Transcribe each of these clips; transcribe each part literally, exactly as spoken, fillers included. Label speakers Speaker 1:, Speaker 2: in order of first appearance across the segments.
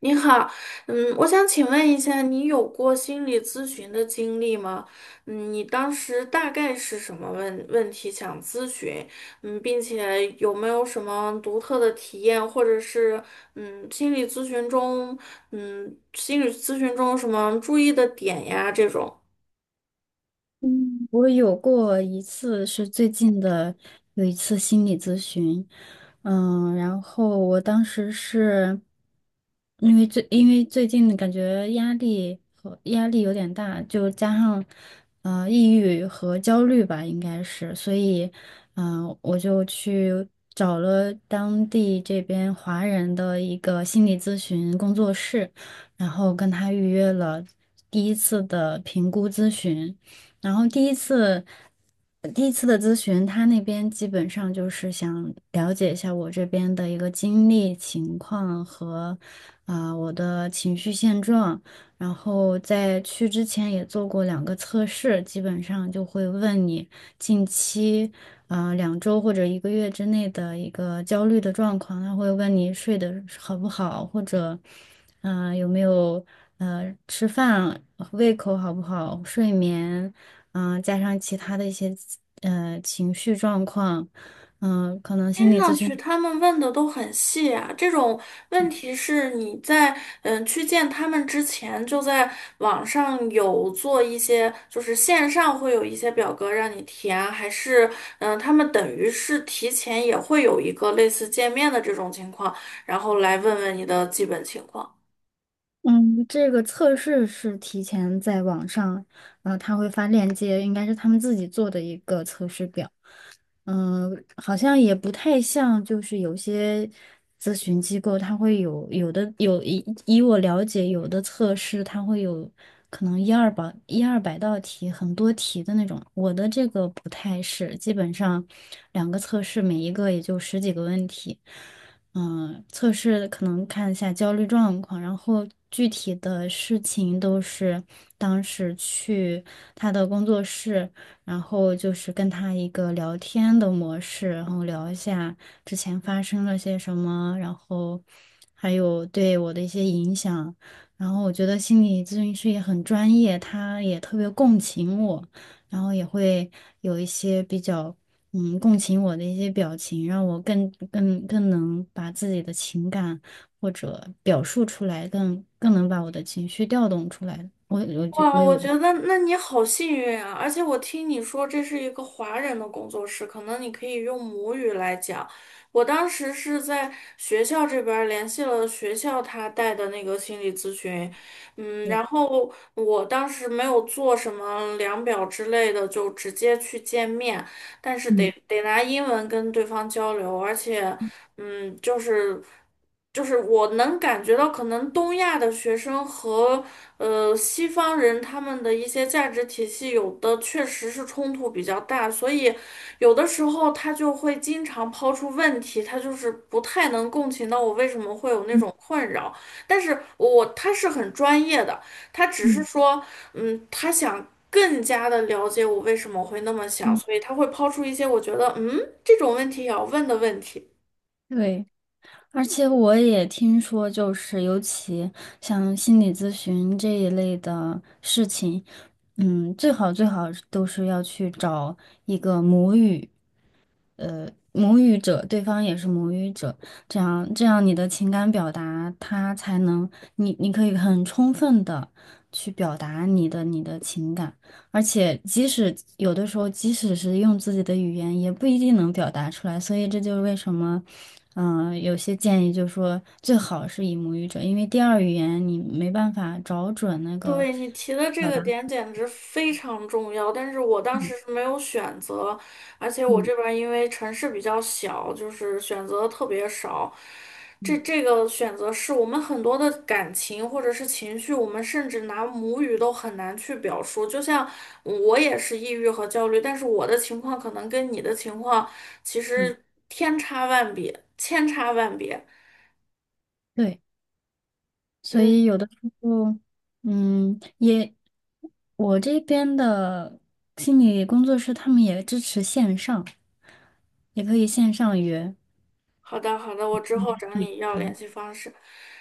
Speaker 1: 你好，嗯，我想请问一下，你有过心理咨询的经历吗？嗯，你当时大概是什么问问题想咨询？嗯，并且有没有什么独特的体验，或者是嗯，心理咨询中，嗯，心理咨询中有什么注意的点呀？这种。
Speaker 2: 嗯，我有过一次是最近的，有一次心理咨询。嗯，然后我当时是因为最因为最近感觉压力和压力有点大，就加上呃抑郁和焦虑吧，应该是，所以嗯、呃我就去找了当地这边华人的一个心理咨询工作室，然后跟他预约了第一次的评估咨询。然后第一次，呃第一次的咨询，他那边基本上就是想了解一下我这边的一个经历情况和啊、我的情绪现状。然后在去之前也做过两个测试，基本上就会问你近期啊、两周或者一个月之内的一个焦虑的状况，他会问你睡得好不好，或者嗯、呃有没有呃吃饭胃口好不好，睡眠。嗯，加上其他的一些呃情绪状况，嗯，可能心
Speaker 1: 听
Speaker 2: 理
Speaker 1: 上
Speaker 2: 咨询，
Speaker 1: 去他们问的都很细啊，这种问题是你在嗯去见他们之前就在网上有做一些，就是线上会有一些表格让你填啊，还是嗯他们等于是提前也会有一个类似见面的这种情况，然后来问问你的基本情况。
Speaker 2: 嗯，这个测试是提前在网上，呃，他会发链接，应该是他们自己做的一个测试表。嗯，好像也不太像，就是有些咨询机构它会有有的有以以我了解，有的测试它会有可能一二百一二百道题，很多题的那种。我的这个不太是，基本上两个测试，每一个也就十几个问题。嗯，测试可能看一下焦虑状况，然后具体的事情都是当时去他的工作室。然后就是跟他一个聊天的模式，然后聊一下之前发生了些什么，然后还有对我的一些影响。然后我觉得心理咨询师也很专业，他也特别共情我，然后也会有一些比较嗯共情我的一些表情，让我更更更能把自己的情感或者表述出来，更更能把我的情绪调动出来。我我觉
Speaker 1: 哇，
Speaker 2: 我
Speaker 1: 我
Speaker 2: 有
Speaker 1: 觉得那你好幸运啊！而且我听你说这是一个华人的工作室，可能你可以用母语来讲。我当时是在学校这边儿联系了学校他带的那个心理咨询，嗯，然
Speaker 2: 嗯
Speaker 1: 后我当时没有做什么量表之类的，就直接去见面，但是得
Speaker 2: 嗯
Speaker 1: 得拿英文跟对方交流，而且，嗯，就是。就是我能感觉到，可能东亚的学生和呃西方人他们的一些价值体系，有的确实是冲突比较大，所以有的时候他就会经常抛出问题，他就是不太能共情到我为什么会有那
Speaker 2: 嗯
Speaker 1: 种困扰。但是我他是很专业的，他只是
Speaker 2: 嗯。
Speaker 1: 说，嗯，他想更加的了解我为什么会那么想，
Speaker 2: 嗯，
Speaker 1: 所以他会抛出一些我觉得，嗯，这种问题也要问的问题。
Speaker 2: 对，而且我也听说，就是尤其像心理咨询这一类的事情，嗯，最好最好都是要去找一个母语。呃母语者，对方也是母语者，这样这样你的情感表达，他才能你你可以很充分的去表达你的你的情感，而且即使有的时候，即使是用自己的语言，也不一定能表达出来，所以这就是为什么。嗯，呃有些建议就是说最好是以母语者，因为第二语言你没办法找准那个
Speaker 1: 对，你提的这
Speaker 2: 表
Speaker 1: 个
Speaker 2: 达。
Speaker 1: 点简直非常重要，但是我当时
Speaker 2: 嗯，
Speaker 1: 是没有选择，而且我
Speaker 2: 嗯，
Speaker 1: 这边儿因为城市比较小，就是选择特别少。这这个选择是我们很多的感情或者是情绪，我们甚至拿母语都很难去表述。就像我也是抑郁和焦虑，但是我的情况可能跟你的情况其
Speaker 2: 嗯，
Speaker 1: 实天差万别，千差万别。
Speaker 2: 对。所
Speaker 1: 嗯，
Speaker 2: 以有的时候，嗯，也，我这边的心理工作室他们也支持线上，也可以线上约。
Speaker 1: 好的好的，我之后找
Speaker 2: 对，
Speaker 1: 你要联系方式。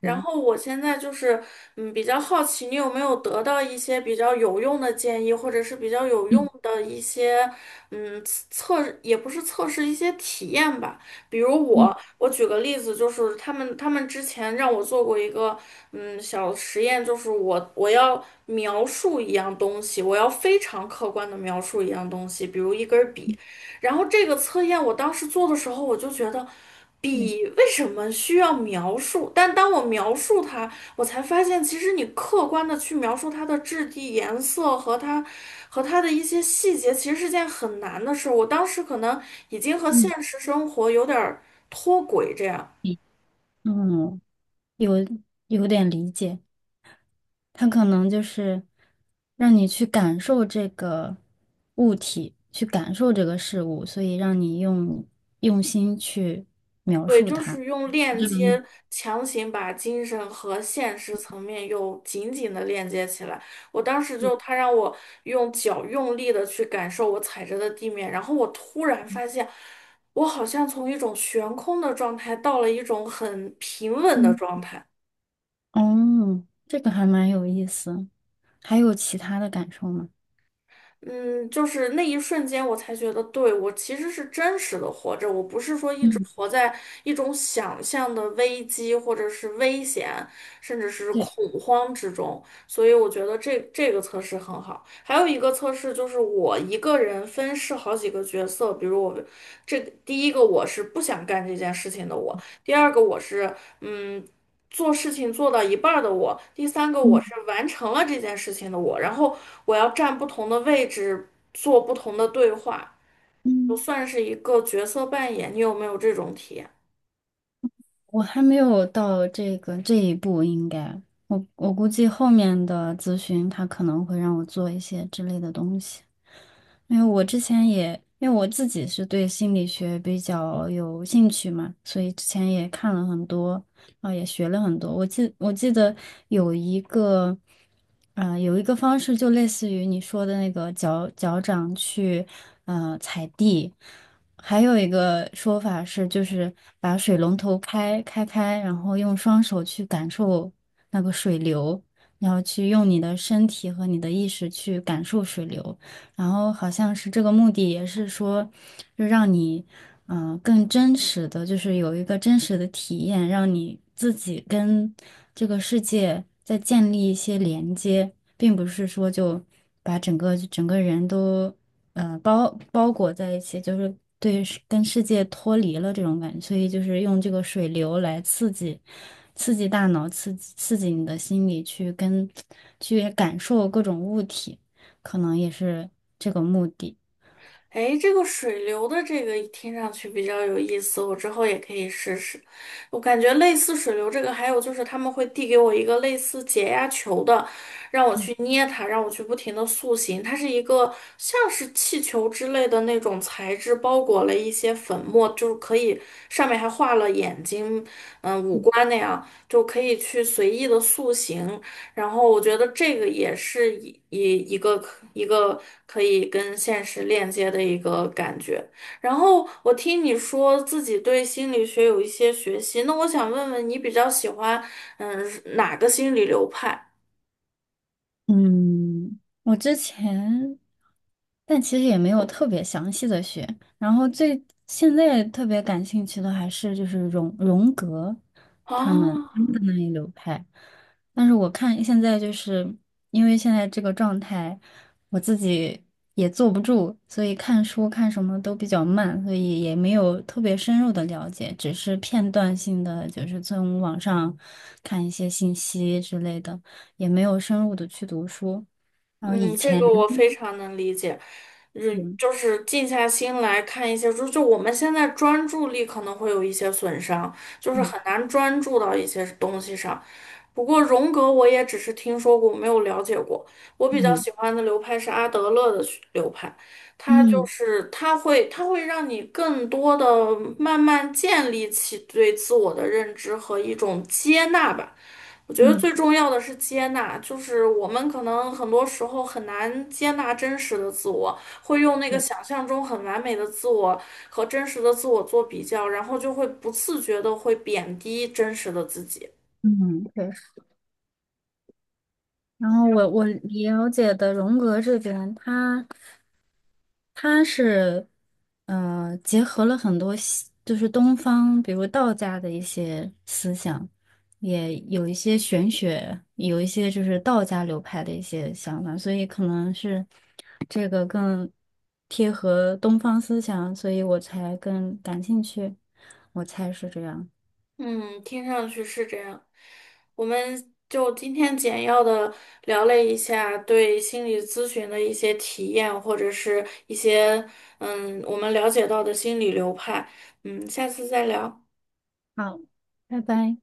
Speaker 1: 然
Speaker 2: 对，
Speaker 1: 后我现在就是，嗯，比较好奇你有没有得到一些比较有用的建议，或者是比较有用
Speaker 2: 嗯，
Speaker 1: 的一些，嗯，测，也不是测试，一些体验吧。比如我，
Speaker 2: 嗯，
Speaker 1: 我举个例子，就是他们他们之前让我做过一个，嗯，小实验，就是我我要描述一样东西，我要非常客观的描述一样东西，比如一根笔。然后这个测验我当时做的时候，我就觉得笔
Speaker 2: 对，
Speaker 1: 为什么需要描述？但当我描述它，我才发现其实你客观的去描述它的质地、颜色和它和它的一些细节，其实是件很难的事儿。我当时可能已经和
Speaker 2: 嗯，
Speaker 1: 现实生活有点儿脱轨。这样。
Speaker 2: 嗯，嗯，有有点理解，他可能就是让你去感受这个物体，去感受这个事物，所以让你用用心去描
Speaker 1: 对，
Speaker 2: 述
Speaker 1: 就
Speaker 2: 它。
Speaker 1: 是用链接强行把精神和现实层面又紧紧的链接起来。我当时就，他让我用脚用力的去感受我踩着的地面，然后我突然发现，我好像从一种悬空的状态到了一种很平稳的
Speaker 2: 嗯，
Speaker 1: 状态。
Speaker 2: 哦，这个还蛮有意思。还有其他的感受吗？
Speaker 1: 嗯，就是那一瞬间，我才觉得，对，我其实是真实的活着，我不是说一直
Speaker 2: 嗯，
Speaker 1: 活在一种想象的危机或者是危险，甚至是恐
Speaker 2: 对，
Speaker 1: 慌之中。所以我觉得这这个测试很好。还有一个测试就是我一个人分饰好几个角色，比如我这第一个我是不想干这件事情的我，第二个我是嗯做事情做到一半儿的我，第三个我
Speaker 2: 嗯，
Speaker 1: 是完成了这件事情的我，然后我要站不同的位置，做不同的对话，就
Speaker 2: 嗯，
Speaker 1: 算是一个角色扮演。你有没有这种体验？
Speaker 2: 我还没有到这个这一步，应该我我估计后面的咨询他可能会让我做一些之类的东西，因为我之前也因为我自己是对心理学比较有兴趣嘛，所以之前也看了很多，啊、也学了很多。我记我记得有一个，啊、有一个方式就类似于你说的那个脚脚掌去呃踩地。还有一个说法是，就是把水龙头开开开，然后用双手去感受那个水流，然后去用你的身体和你的意识去感受水流，然后好像是这个目的也是说，就让你，嗯、更真实的，就是有一个真实的体验，让你自己跟这个世界再建立一些连接，并不是说就把整个整个人都。呃包包裹在一起，就是对世跟世界脱离了这种感觉，所以就是用这个水流来刺激刺激大脑，刺激刺激你的心理去跟去感受各种物体，可能也是这个目的。
Speaker 1: 哎，这个水流的这个听上去比较有意思，我之后也可以试试。我感觉类似水流这个，还有就是他们会递给我一个类似解压球的，让我去捏它，让我去不停的塑形。它是一个像是气球之类的那种材质，包裹了一些粉末，就是可以上面还画了眼睛，观那样，就可以去随意的塑形。然后我觉得这个也是一一一个可一个可以跟现实链接的一个感觉。然后我听你说自己对心理学有一些学习，那我想问问你比较喜欢嗯哪个心理流派
Speaker 2: 嗯，我之前，但其实也没有特别详细的学。然后最现在特别感兴趣的还是就是荣荣格他们
Speaker 1: 啊？
Speaker 2: 他们的那一流派。但是我看现在就是因为现在这个状态，我自己也坐不住，所以看书看什么都比较慢，所以也没有特别深入的了解，只是片段性的，就是从网上看一些信息之类的。也没有深入的去读书。然后以
Speaker 1: 嗯，这
Speaker 2: 前
Speaker 1: 个我非常能理解，嗯，
Speaker 2: 嗯，
Speaker 1: 就是静下心来看一些书，就我们现在专注力可能会有一些损伤，就是
Speaker 2: 对，
Speaker 1: 很难专注到一些东西上。不过荣格我也只是听说过，没有了解过。我比较
Speaker 2: 嗯，
Speaker 1: 喜欢的流派是阿德勒的学流派，他就
Speaker 2: 嗯，
Speaker 1: 是他会他会让你更多的慢慢建立起对自我的认知和一种接纳吧。我觉得
Speaker 2: 嗯，
Speaker 1: 最重要的是接纳，就是我们可能很多时候很难接纳真实的自我，会用那个
Speaker 2: 对，
Speaker 1: 想象中很完美的自我和真实的自我做比较，然后就会不自觉的会贬低真实的自己。
Speaker 2: 嗯，确实。然后我我了解的荣格这边，他他是呃结合了很多西就是东方，比如道家的一些思想，也有一些玄学，有一些就是道家流派的一些想法，所以可能是。贴合东方思想，所以我才更感兴趣，我猜是这样。
Speaker 1: 嗯，听上去是这样。我们就今天简要的聊了一下对心理咨询的一些体验，或者是一些嗯我们了解到的心理流派。嗯，下次再聊。
Speaker 2: 好，拜拜。